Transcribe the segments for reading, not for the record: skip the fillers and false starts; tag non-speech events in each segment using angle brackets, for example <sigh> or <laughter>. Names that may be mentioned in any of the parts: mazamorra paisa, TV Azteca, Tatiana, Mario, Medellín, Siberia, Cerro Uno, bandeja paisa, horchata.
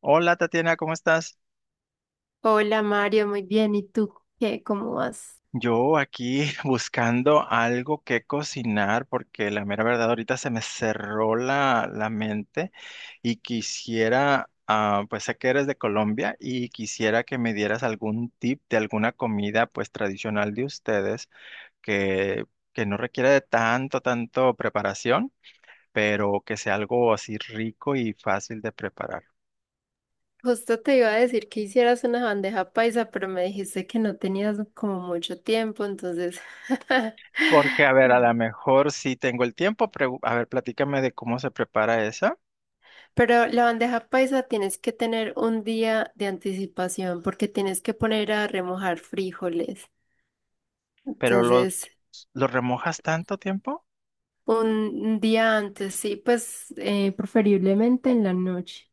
Hola Tatiana, ¿cómo estás? Hola Mario, muy bien. ¿Y tú qué? ¿Cómo vas? Yo aquí <laughs> buscando algo que cocinar porque la mera verdad ahorita se me cerró la mente y quisiera, pues sé que eres de Colombia y quisiera que me dieras algún tip de alguna comida pues tradicional de ustedes que, que no requiere de tanto preparación, pero que sea algo así rico y fácil de preparar. Justo te iba a decir que hicieras una bandeja paisa, pero me dijiste que no tenías como mucho tiempo, entonces... <laughs> Porque, a ver, a Mm. lo mejor sí tengo el tiempo, pero a ver, platícame de cómo se prepara esa. Pero la bandeja paisa tienes que tener un día de anticipación porque tienes que poner a remojar frijoles. Pero los, Entonces, ¿Los remojas tanto tiempo? un día antes, sí, pues preferiblemente en la noche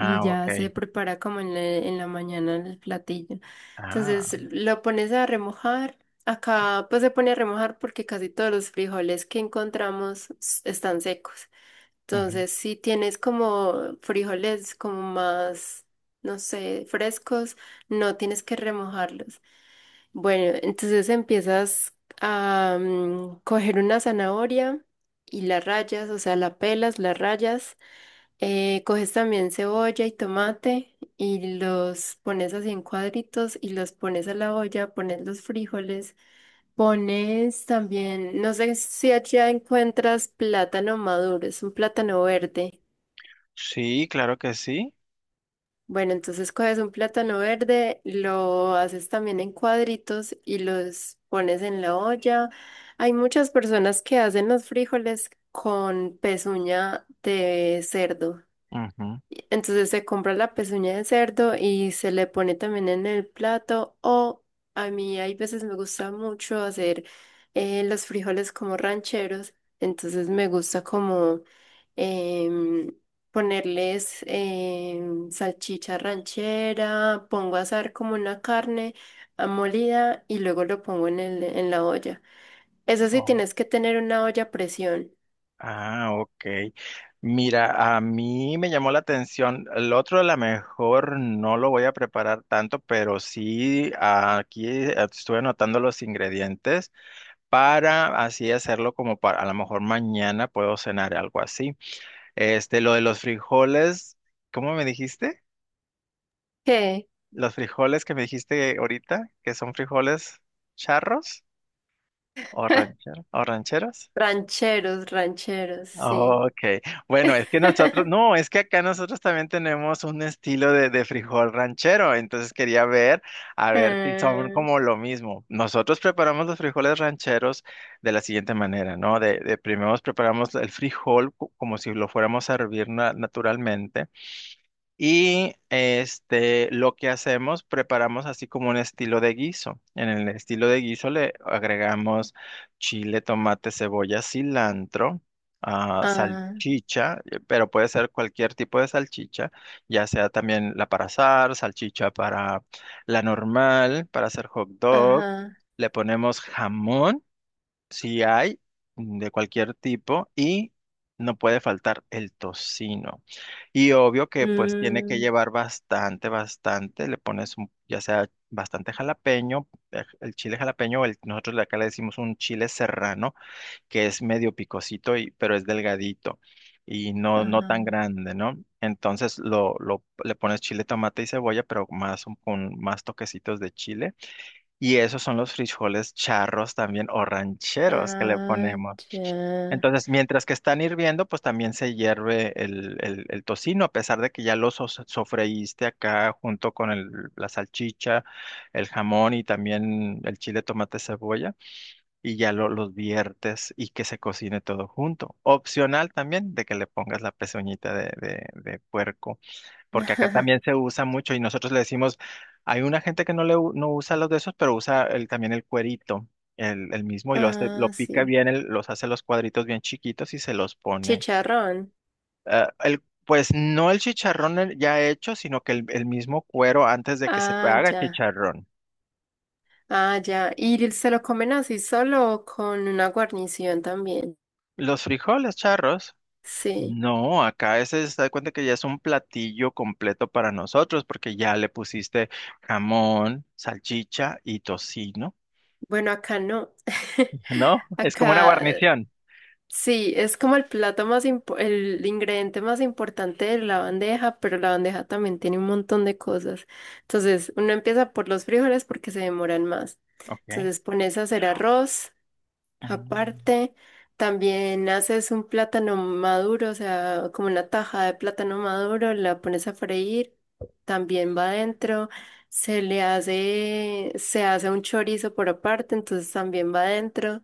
y ok. ya se prepara como en la mañana el platillo. Ah, Entonces lo pones a remojar. Acá pues se pone a remojar porque casi todos los frijoles que encontramos están secos. ujú. Entonces si tienes como frijoles como más, no sé, frescos, no tienes que remojarlos. Bueno, entonces empiezas a coger una zanahoria y la rayas, o sea, la pelas, la rayas. Eh, coges también cebolla y tomate y los pones así en cuadritos y los pones a la olla, pones los frijoles, pones también, no sé si allá encuentras plátano maduro, es un plátano verde. Sí, claro que sí. Bueno, entonces coges un plátano verde, lo haces también en cuadritos y los pones en la olla. Hay muchas personas que hacen los frijoles con pezuña de cerdo. Ujú. Entonces se compra la pezuña de cerdo y se le pone también en el plato. O a mí hay veces me gusta mucho hacer los frijoles como rancheros. Entonces me gusta como em, ponerles salchicha ranchera, pongo a asar como una carne molida y luego lo pongo en la olla. Eso sí, Oh, tienes que tener una olla a presión. ah, ok. Mira, a mí me llamó la atención. El otro a lo mejor no lo voy a preparar tanto, pero sí aquí estuve anotando los ingredientes para así hacerlo como para a lo mejor mañana puedo cenar algo así. Este, lo de los frijoles, ¿cómo me dijiste? ¿Qué? Los frijoles que me dijiste ahorita, que son frijoles charros o <laughs> rancheros, o rancheros. Rancheros, rancheros, sí. Ok, bueno, es que nosotros, <laughs> no, es que acá nosotros también tenemos un estilo de frijol ranchero, entonces quería ver, a ver si son Ah, como lo mismo. Nosotros preparamos los frijoles rancheros de la siguiente manera, ¿no? De primero preparamos el frijol como si lo fuéramos a hervir naturalmente. Y este, lo que hacemos, preparamos así como un estilo de guiso. En el estilo de guiso le agregamos chile, tomate, cebolla, cilantro, ah, salchicha, pero puede ser cualquier tipo de salchicha, ya sea también la para asar, salchicha para la normal, para hacer hot dog. ajá. Le ponemos jamón. Si hay de cualquier tipo y no puede faltar el tocino. Y obvio que pues tiene que Mm, llevar bastante, bastante. Le pones un, ya sea bastante jalapeño, el chile jalapeño, o el, nosotros de acá le decimos un chile serrano, que es medio picosito, y, pero es delgadito y no, no ajá. tan grande, ¿no? Entonces le pones chile, tomate y cebolla, pero más con más toquecitos de chile. Y esos son los frijoles charros también o rancheros que le Ah, ponemos. ya. Entonces, mientras que están hirviendo, pues también se hierve el tocino, a pesar de que ya lo sofreíste acá junto con la salchicha, el jamón y también el chile, tomate, cebolla, y ya los viertes y que se cocine todo junto. Opcional también de que le pongas la pezuñita de puerco porque acá también <laughs> se usa mucho y nosotros le decimos, hay una gente que no le no usa los de esos, pero usa el, también el cuerito, el mismo, y lo hace, lo Ah, pica sí. bien, los hace los cuadritos bien chiquitos y se los pone. Chicharrón. Ah, el, pues no el chicharrón ya hecho, sino que el mismo cuero antes de que se Ah, haga ya. chicharrón. Ah, ya. ¿Y se lo comen así solo o con una guarnición también? Los frijoles charros. Sí. No, acá ese se da cuenta que ya es un platillo completo para nosotros, porque ya le pusiste jamón, salchicha y tocino. Bueno, acá no. ¿No? <laughs> Es como una Acá guarnición. sí, es como el plato más el ingrediente más importante de la bandeja, pero la bandeja también tiene un montón de cosas. Entonces, uno empieza por los frijoles porque se demoran más. Ok. Entonces, pones a hacer arroz Mm, aparte, también haces un plátano maduro, o sea, como una taja de plátano maduro, la pones a freír, también va adentro. Se hace un chorizo por aparte, entonces también va adentro.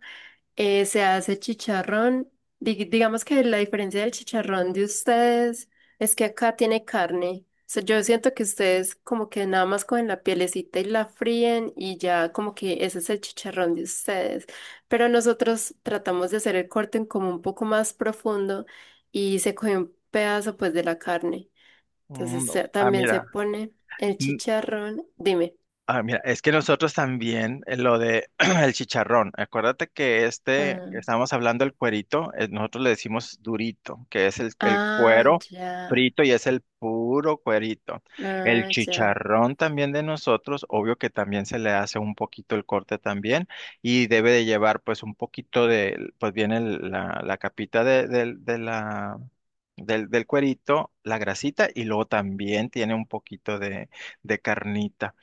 Se hace chicharrón. Digamos que la diferencia del chicharrón de ustedes es que acá tiene carne. O sea, yo siento que ustedes como que nada más cogen la pielecita y la fríen y ya como que ese es el chicharrón de ustedes. Pero nosotros tratamos de hacer el corte en como un poco más profundo y se coge un pedazo pues de la carne. Entonces mm, también se mira. pone el chicharrón. Dime. Ah, mira, es que nosotros también lo de <clears throat> el chicharrón. Acuérdate que este Ah, que estábamos hablando el cuerito, nosotros le decimos durito, que es el ah, cuero ya. frito y es el puro cuerito. El Ah, ya. chicharrón también de nosotros, obvio que también se le hace un poquito el corte también y debe de llevar pues un poquito de, pues viene la, la capita de, de la del cuerito, la grasita y luego también tiene un poquito de carnita.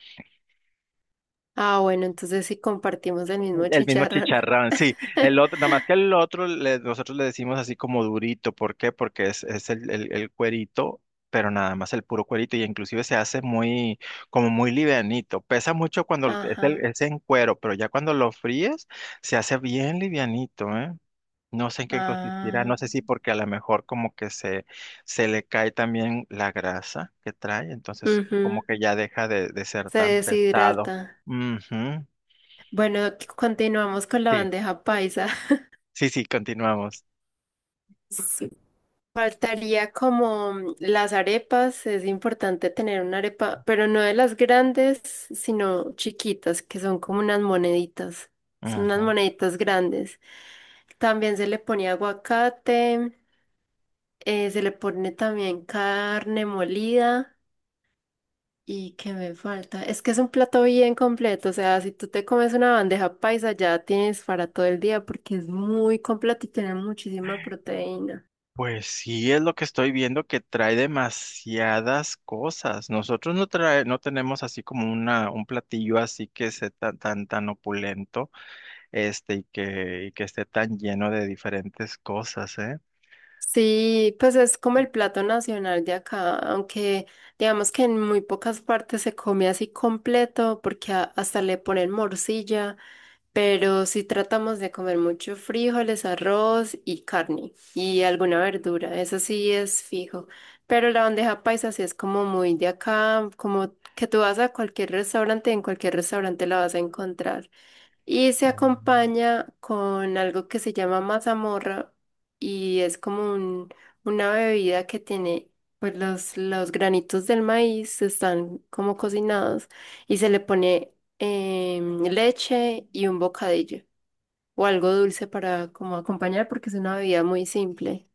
Ah, bueno, entonces sí compartimos el mismo El mismo chicharrón. chicharrón, sí. El <laughs> otro, nada más que el otro, nosotros le decimos así como durito. ¿Por qué? Porque es el cuerito, pero nada más el puro cuerito. Y inclusive se hace muy, como muy livianito. Pesa mucho cuando es, Ajá. es en cuero, pero ya cuando lo fríes, se hace bien livianito, ¿eh? No sé en qué consistirá. Ah. No sé si porque a lo mejor como que se le cae también la grasa que trae. Entonces Ujú, como que ya deja de ser se tan pesado. deshidrata. Ujú. Bueno, continuamos con la Sí. bandeja paisa. <laughs> Sí, sí, continuamos. Sí. Faltaría como las arepas, es importante tener una arepa, pero no de las grandes, sino chiquitas, que son como unas moneditas, son unas Ujú. moneditas grandes. También se le pone aguacate, se le pone también carne molida. ¿Y qué me falta? Es que es un plato bien completo, o sea, si tú te comes una bandeja paisa ya tienes para todo el día porque es muy completo y tiene muchísima proteína. Pues sí, es lo que estoy viendo que trae demasiadas cosas. Nosotros no trae, no tenemos así como una, un platillo así que sea tan opulento, este, y que esté tan lleno de diferentes cosas, ¿eh? Sí, pues es como el plato nacional de acá, aunque digamos que en muy pocas partes se come así completo porque hasta le ponen morcilla, pero sí tratamos de comer mucho frijoles, arroz y carne y alguna verdura, eso sí es fijo. Pero la bandeja paisa sí es como muy de acá, como que tú vas a cualquier restaurante, en cualquier restaurante la vas a encontrar. Y se Mm. acompaña con algo que se llama mazamorra y es como una bebida que tiene, pues los granitos del maíz están como cocinados y se le pone leche y un bocadillo o algo dulce para como acompañar porque es una bebida muy simple,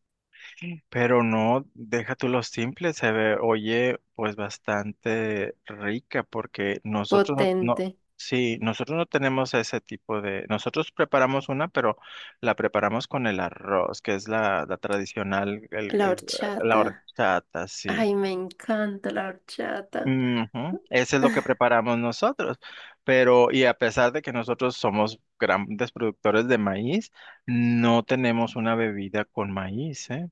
Pero no, deja tú lo simple, se ve, oye, pues bastante rica, porque nosotros no, no, potente. sí, nosotros no tenemos ese tipo de, nosotros preparamos una, pero la preparamos con el arroz, que es la tradicional, La la horchata. horchata, sí. Ay, me encanta la horchata. Ujú, eso es lo que preparamos nosotros, pero y a pesar de que nosotros somos grandes productores de maíz, no tenemos una bebida con maíz, ¿eh?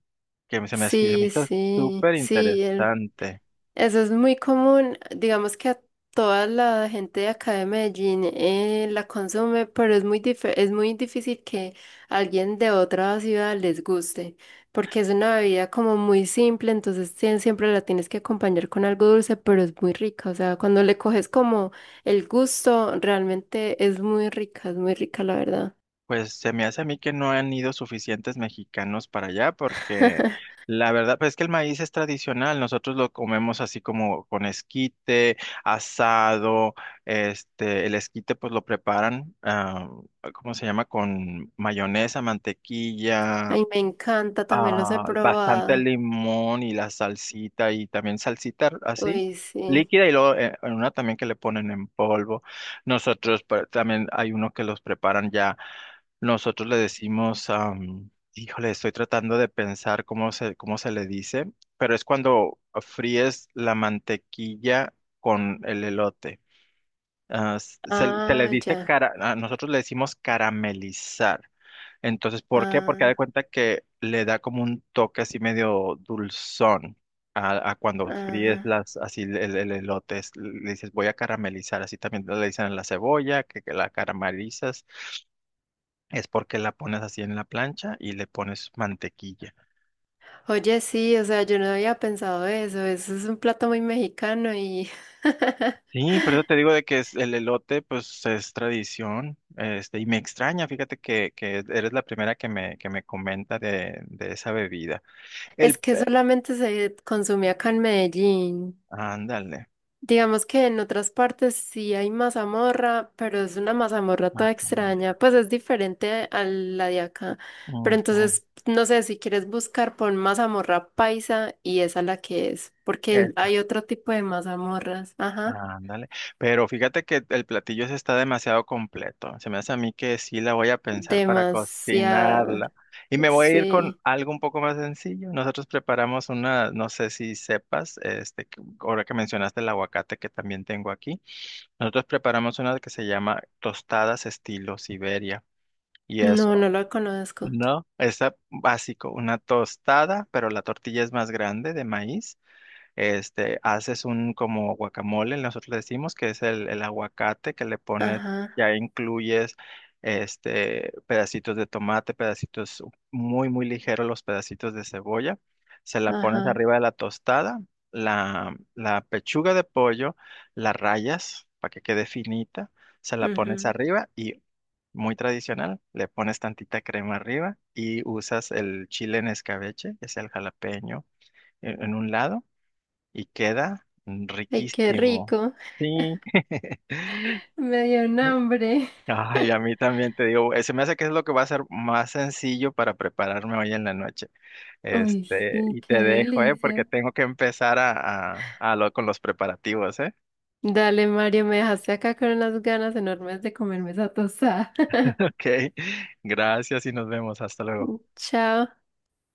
Que se me, se me Sí, hizo sí, súper sí. Interesante. Eso es muy común, digamos que a toda la gente de acá de Medellín la consume, pero es muy es muy difícil que alguien de otra ciudad les guste, porque es una bebida como muy simple, entonces siempre la tienes que acompañar con algo dulce, pero es muy rica, o sea, cuando le coges como el gusto, realmente es muy rica la verdad. Pues se me hace a mí que no han ido suficientes mexicanos para allá porque <laughs> la verdad pues es que el maíz es tradicional, nosotros lo comemos así como con esquite, asado, este, el esquite pues lo preparan, ¿cómo se llama? Con mayonesa, mantequilla, Ay, me encanta, también los he bastante probado. limón y la salsita y también salsita así Uy, sí. líquida y luego en una también que le ponen en polvo. Nosotros también hay uno que los preparan ya. Nosotros le decimos, híjole, estoy tratando de pensar cómo se le dice, pero es cuando fríes la mantequilla con el elote. Ah, se le Ah, dice ya. cara, a nosotros le decimos caramelizar. Entonces, ¿por qué? Porque haz de Ah, cuenta que le da como un toque así medio dulzón a cuando fríes ajá. las, así el, el elote. Es- le dices, voy a caramelizar. Así también le dicen a la cebolla, que la caramelizas. Es porque la pones así en la plancha y le pones mantequilla. Oye, sí, o sea, yo no había pensado eso. Eso es un plato muy mexicano y <laughs> Sí, por eso te digo de que es el elote, pues es tradición, este, y me extraña, fíjate que eres la primera que me comenta de esa bebida. El, es que pe- solamente se consume acá en Medellín. ándale, Digamos que en otras partes sí hay mazamorra, pero es una mazamorra toda extraña. guacamole. Pues es diferente a la de acá. Pero Ujú, entonces, no sé, si quieres buscar, pon mazamorra paisa y esa la que es, porque esta, hay otro tipo de mazamorras. Ajá. ándale. Pero fíjate que el platillo ese está demasiado completo. Se me hace a mí que sí la voy a pensar para Demasiada. cocinarla. Y me voy a ir con Sí. algo un poco más sencillo. Nosotros preparamos una, no sé si sepas, este, que- ahora que mencionaste el aguacate que también tengo aquí. Nosotros preparamos una que se llama tostadas estilo Siberia. Y No, eso, no la conozco. ¿no? Es básico, una tostada, pero la tortilla es más grande de maíz. Este, haces un como guacamole, nosotros le decimos que es el aguacate que le pones, Ajá, ya incluyes este pedacitos de tomate, pedacitos muy, muy ligeros, los pedacitos de cebolla. Se la pones ajá. arriba de la tostada, la pechuga de pollo, la rayas para que quede finita, se la pones Ujú. arriba y muy tradicional, le pones tantita crema arriba y usas el chile en escabeche, que es el jalapeño en un lado y queda Ay, qué riquísimo. rico. Sí. <laughs> <laughs> Me dio un hambre. Ay, a <laughs> mí también te digo, se me hace que es lo que va a ser más sencillo para prepararme hoy en la noche. Uy, Este, sí, y qué te dejo, ¿eh? Porque delicia. tengo que empezar a, a con los preparativos, ¿eh? <laughs> Dale, Mario, me dejaste acá con unas ganas enormes de comerme esa tostada. Ok, gracias y nos vemos. Hasta luego. <laughs> Chao.